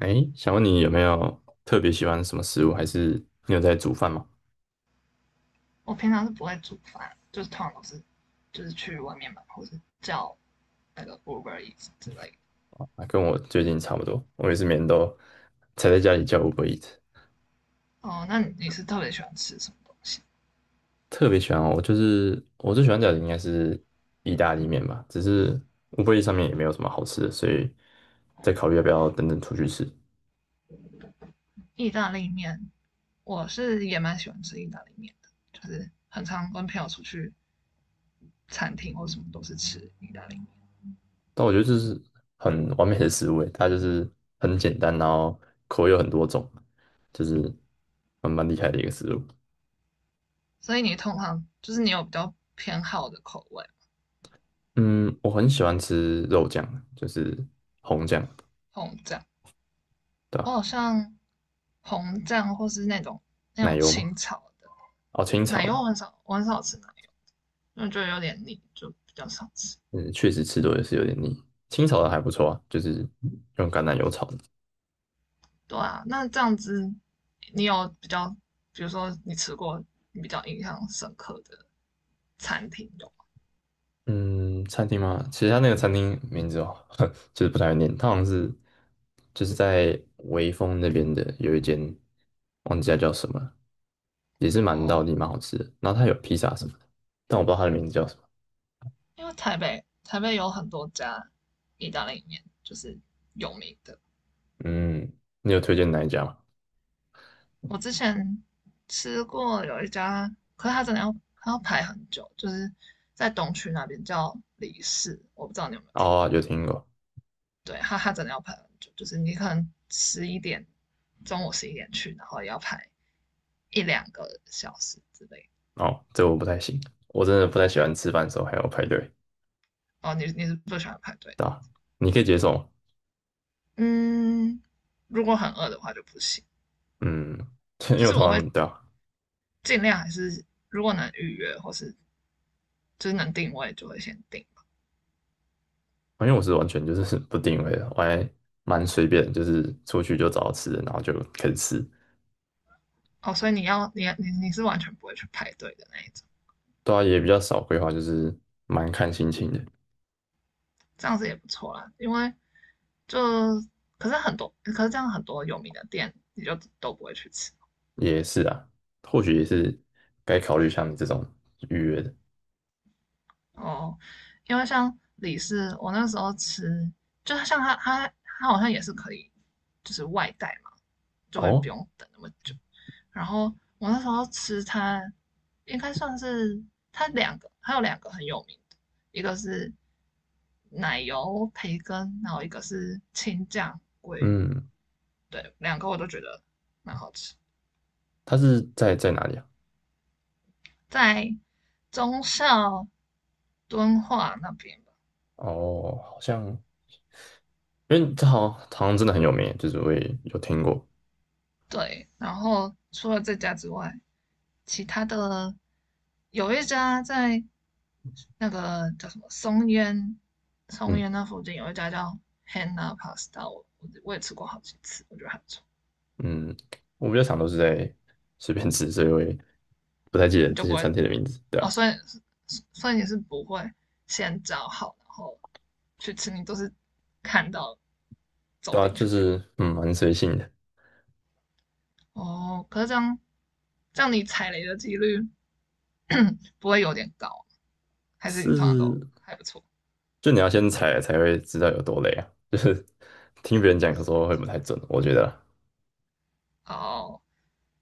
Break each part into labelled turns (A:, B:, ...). A: 哎，想问你有没有特别喜欢什么食物，还是你有在煮饭吗？
B: 我平常是不会煮饭，就是通常都是就是去外面买，或是叫那个 Uber Eats 之类的。
A: 啊，跟我最近差不多，我也是每天都才在家里叫 Uber e a t
B: 哦，那你是特别喜欢吃什么东西？
A: 特别喜欢哦，我就是我最喜欢叫的应该是意大利面吧，只是乌 b e 上面也没有什么好吃的，所以在考虑要不要等等出去吃。
B: 意大利面，我是也蛮喜欢吃意大利面的，就是很常跟朋友出去餐厅或什么都是吃意大利面。
A: 但我觉得这是很完美的食物诶，它就是很简单，然后口味有很多种，就是蛮厉害的一个食物。
B: 所以你通常就是你有比较偏好的口味，
A: 嗯，我很喜欢吃肉酱，就是红酱。
B: 红酱，
A: 对
B: 我
A: 吧？
B: 好像红酱或是那种那
A: 奶
B: 种
A: 油嘛，
B: 清炒的
A: 哦，清炒
B: 奶油，
A: 的，
B: 我很少吃奶油，因为觉得有点腻，就比较少吃。
A: 嗯，确实吃多也是有点腻。清炒的还不错啊，就是用橄榄油炒的。
B: 对啊，那这样子，你有比较，比如说你吃过你比较印象深刻的餐厅有吗？
A: 嗯，餐厅吗？其实它那个餐厅名字哦，就是不太会念，它好像是就是在微风那边的有一间，忘记它叫什么了，也是蛮道
B: 哦，
A: 地蛮好吃的。然后它有披萨什么的，但我不知道它的名字叫什么。
B: 因为台北有很多家意大利面，就是有名的。
A: 嗯，你有推荐哪一家吗？
B: 我之前吃过有一家，可是它真的要排很久，就是在东区那边叫李氏，我不知道你有没有听
A: 哦，
B: 过。
A: 有听过。
B: 对，它真的要排很久，就是你可能十一点，中午十一点去，然后也要排一两个小时之类的。
A: 哦，这我不太行，我真的不太喜
B: 对，
A: 欢吃饭的时候还要排队，
B: 哦，你是不喜欢排队
A: 对
B: 的？
A: 吧？你可以接受吗？
B: 嗯，如果很饿的话就不行，
A: 嗯，因为
B: 就
A: 我
B: 是
A: 通
B: 我会
A: 常对啊，
B: 尽量还是如果能预约或是就是能定位就会先定吧。
A: 因为我是完全就是 不定位的，我还蛮随便，就是出去就找到吃的，然后就开始吃。
B: 哦，所以你要你你你是完全不会去排队的那一种，
A: 对啊，也比较少规划，就是蛮看心情的。
B: 这样子也不错啦，因为就可是很多可是这样很多有名的店你就都不会去吃。
A: 也是啊，或许也是该考虑像你这种预约的。
B: 哦，因为像李氏我那时候吃，就是像他好像也是可以就是外带嘛，就会不
A: 哦，
B: 用等那么久。然后我那时候吃它，应该算是它两个，还有两个很有名的，一个是奶油培根，然后一个是青酱鲑鱼，
A: 嗯，
B: 对，两个我都觉得蛮好吃，
A: 它是在在哪里啊？
B: 在中校敦化那边吧。
A: 哦，好像因为这好像好像真的很有名，就是我也有听过。
B: 对，然后除了这家之外，其他的有一家在那个叫什么松烟，松
A: 嗯
B: 烟那附近有一家叫 Hannah Pasta，我也吃过好几次，我觉得还不错。
A: 嗯，我比较常都是在随便吃，所以我也不太记得
B: 你就
A: 这
B: 不
A: 些
B: 会。
A: 餐厅的名字。对
B: 哦，
A: 啊。
B: 所以你是不会先找好，然后去吃，你都是看到走
A: 对啊，
B: 进
A: 就
B: 去这样。
A: 是嗯，蛮随性的，
B: 哦，可是这样你踩雷的几率不会有点高，还是你通常都
A: 是
B: 还不错？
A: 就你要先踩了才会知道有多累啊。就是听别人讲，有时
B: 没
A: 候会不
B: 错。
A: 太准，我觉得
B: 哦，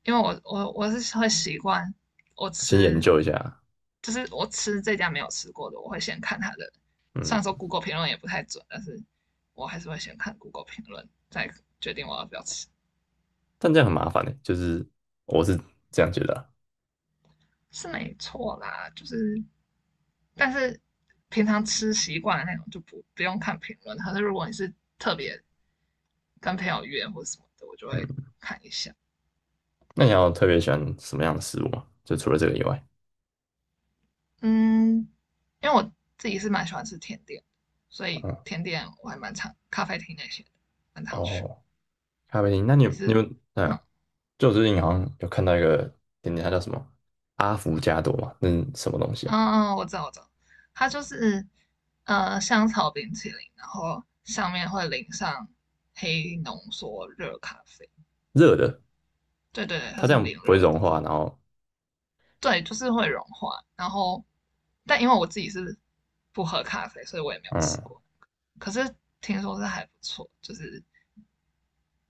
B: 因为我是会习惯我
A: 啊先研
B: 吃
A: 究一下，
B: 我吃这家没有吃过的，我会先看它的。虽
A: 嗯，
B: 然说 Google 评论也不太准，但是我还是会先看 Google 评论，再决定我要不要吃，
A: 但这样很麻烦的，就是我是这样觉得啊
B: 是没错啦。就是，但是平常吃习惯的那种就不用看评论。可是如果你是特别跟朋友约或什么的，我就
A: 嗯。
B: 会看一下。
A: 那你要特别喜欢什么样的食物吗？就除了这个以外，
B: 嗯，因为我自己是蛮喜欢吃甜点，所以
A: 嗯，
B: 甜点我还蛮常咖啡厅那些的蛮常去。
A: 哦，咖啡厅，那你有
B: 你
A: 你
B: 是
A: 们
B: 嗯，
A: 嗯，就我最近好像有看到一个点点，它叫什么阿芙加朵嘛，那是什么东西
B: 嗯
A: 啊？
B: 嗯，我知道，它就是香草冰淇淋，然后上面会淋上黑浓缩热咖啡。
A: 热的，
B: 对对对，它
A: 它这
B: 是
A: 样
B: 淋
A: 不会
B: 热
A: 融
B: 的，
A: 化，然后
B: 对，就是会融化。然后，但因为我自己是不喝咖啡，所以我也没有吃
A: 嗯，
B: 过。可是听说是还不错，就是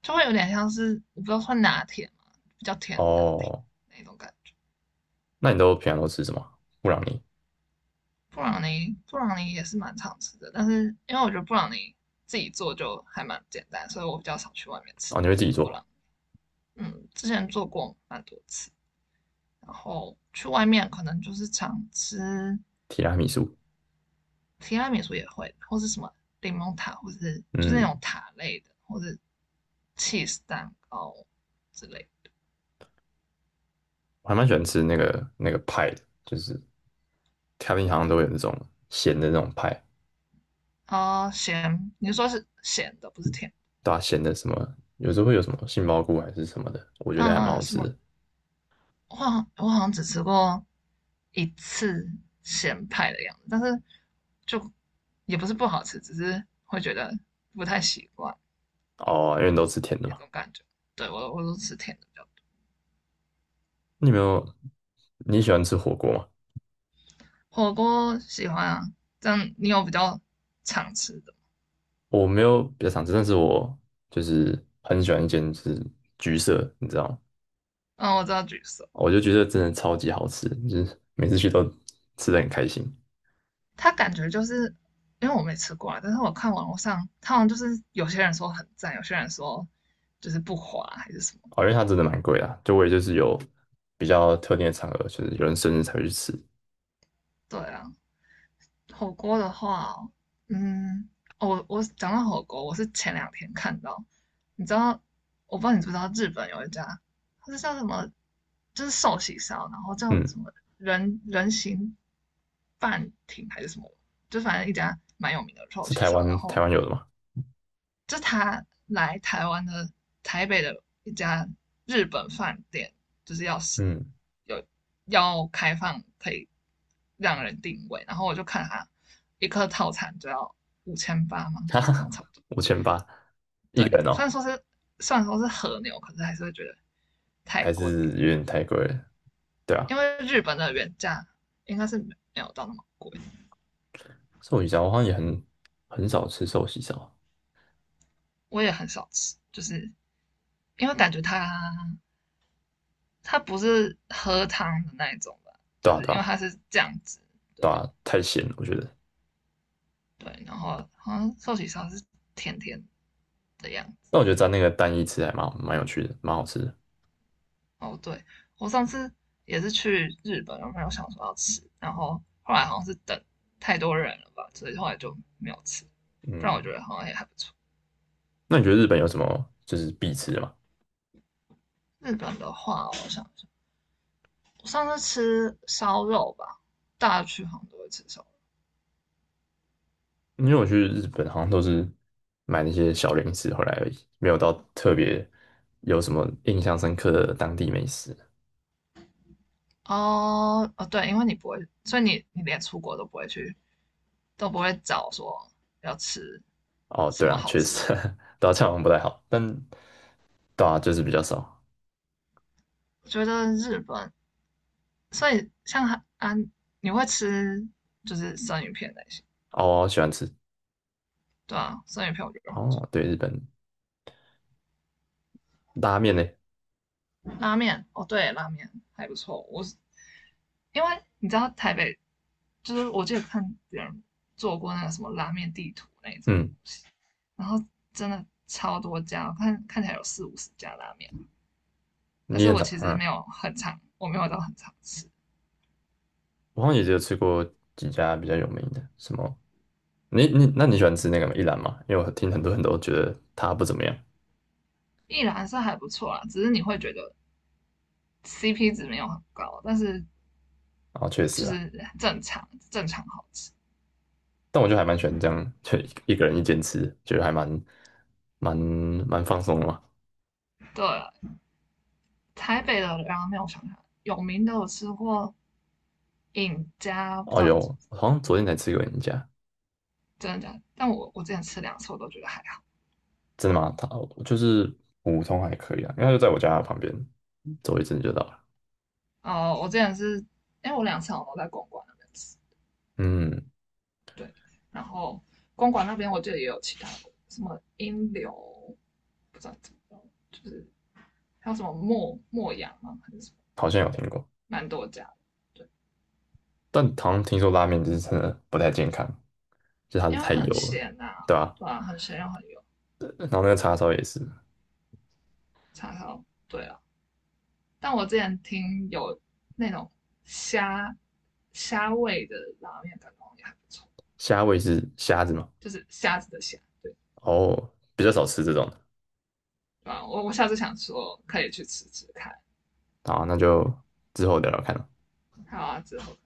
B: 就会有点像是我不知道算拿铁嘛，比较甜的拿铁
A: 哦。
B: 那种感觉。
A: 那你都平常都吃什么？布朗尼
B: 布朗尼也是蛮常吃的，但是因为我觉得布朗尼自己做就还蛮简单，所以我比较少去外面吃
A: 哦，你会自己
B: 布
A: 做
B: 朗。嗯，之前做过蛮多次，然后去外面可能就是常吃
A: 提拉米苏？
B: 提拉米苏也会，或是什么柠檬塔，或者是就是那种
A: 嗯，
B: 塔类的，或者 cheese 蛋糕之类
A: 我还蛮喜欢吃那个派的，就是咖喱好像都有那种咸的那种派，
B: 的。啊，咸，你说是咸的，不是甜。
A: 对啊，咸的什么，有时候会有什么杏鲍菇还是什么的，我觉得还
B: 嗯，
A: 蛮好
B: 什
A: 吃
B: 么
A: 的。
B: 我好像只吃过一次咸派的样子，但是就也不是不好吃，只是会觉得不太习惯
A: 哦，因为你都吃甜的
B: 那
A: 嘛。
B: 种感觉。对我都吃甜的比较多。
A: 你有没有你喜欢吃火锅吗？
B: 火锅喜欢啊，这样你有比较常吃的？
A: 我没有比较常吃，但是我就是很喜欢一间就是橘色，你知道吗？
B: 嗯，我知道橘色，
A: 我觉得橘色真的超级好吃，就是每次去都吃的很开心。
B: 它感觉就是因为我没吃过啊，但是我看网络上，它好像就是有些人说很赞，有些人说就是不滑还是什么。
A: 哦，因为它真的蛮贵的啊，就我也就是有比较特定的场合，就是有人生日才会去吃。
B: 对啊，火锅的话哦。嗯，哦我讲到火锅，我是前两天看到，你知道，我不知道你知不知道日本有一家，它是叫什么，就是寿喜烧，然后叫
A: 嗯，
B: 什么人形半亭还是什么，就反正一家蛮有名的寿
A: 是
B: 喜
A: 台
B: 烧，然
A: 湾台
B: 后
A: 湾有的吗？
B: 就他来台湾的台北的一家日本饭店，就是要是
A: 嗯，
B: 有要开放可以让人定位，然后我就看他一颗套餐就要5800嘛，
A: 哈
B: 然后
A: 哈，
B: 差不多。
A: 5800一
B: 对，
A: 个人
B: 虽
A: 哦，
B: 然说是虽然说是和牛，可是还是会觉得太
A: 还
B: 贵，
A: 是有点太贵了。对啊，
B: 因为日本的原价应该是没有到那么贵，
A: 寿喜烧我好像也很少吃寿喜烧，
B: 我也很少吃，就是因为感觉它不是喝汤的那一种吧？
A: 对
B: 就
A: 啊
B: 是
A: 对
B: 因为它
A: 啊
B: 是酱汁，
A: 对
B: 对
A: 啊，太咸了我觉得。
B: 对，然后好像寿喜烧是甜甜的样子。
A: 但我觉得沾那个蛋一吃还蛮好蛮有趣的，蛮好吃的。
B: 哦，对，我上次也是去日本，然后有想说要吃，然后后来好像是等太多人了吧，所以后来就没有吃。不然我觉
A: 嗯，
B: 得好像也还不错。
A: 那你觉得日本有什么就是必吃的吗？
B: 日本的话，我想想，我上次吃烧肉吧，大家去好像都会吃烧肉。
A: 因为我去日本好像都是买那些小零食回来而已，没有到特别有什么印象深刻的当地美食。
B: 哦哦，对，因为你不会，所以你连出国都不会去都不会找说要吃
A: 哦，
B: 什
A: 对
B: 么
A: 啊，
B: 好
A: 确
B: 吃
A: 实，
B: 的。
A: 对啊，这样好像不太好，但对啊，就是比较少。
B: 我觉得日本，所以像韩啊，你会吃就是生鱼片那些，
A: 哦，我喜欢吃。
B: 对啊，生鱼片我觉得很不错。
A: 哦，对，日本拉面呢？
B: 拉面，哦对，拉面还不错。我是因为你知道台北，就是我记得看别人做过那个什么拉面地图那种
A: 嗯，
B: 东西，然后真的超多家，看起来有四五十家拉面，但
A: 你
B: 是
A: 很
B: 我
A: 常，
B: 其实
A: 嗯，
B: 没有很常，我没有到很常吃。
A: 我好像也只有吃过几家比较有名的，什么？你你那你喜欢吃那个吗？一兰吗？因为我听很多人都觉得它不怎么样。
B: 一兰是还不错啦，只是你会觉得 CP 值没有很高，但是
A: 哦，确实
B: 就
A: 啊。
B: 是正常正常好吃。
A: 但我就还蛮喜欢这样，就一个人一间吃，觉得还蛮放松的嘛。
B: 对，台北的拉面我想想，有名的我吃过尹家，不知
A: 哦
B: 道
A: 有，
B: 你
A: 我好像昨天才吃过人家，
B: 真的假的，但我之前吃两次我都觉得还好。
A: 真的吗？他就是普通还可以啊，应该就在我家旁边，走一阵就到了。
B: 哦，我之前是因为我两次我都在公馆那边吃，
A: 嗯，
B: 对，然后公馆那边我记得也有其他的，什么英流，不知道怎么，就是还有什么墨阳嘛，还是什么，
A: 好像有听过，
B: 蛮多家的，对，
A: 但好像听说拉面就是真的不太健康，就是它是
B: 因为
A: 太
B: 很
A: 油了，
B: 咸呐，
A: 对吧、
B: 对啊，很咸又很油。
A: 然后那个叉烧也是，
B: 叉烧，对啊。但我之前听有那种虾虾味的拉面，感觉也还不错，
A: 虾味是虾子嘛，
B: 就是虾子的虾，对，
A: 哦，比较少吃这种的。
B: 啊，我下次想说可以去吃吃看。
A: 好，那就之后聊聊看了。
B: 还有啊，之后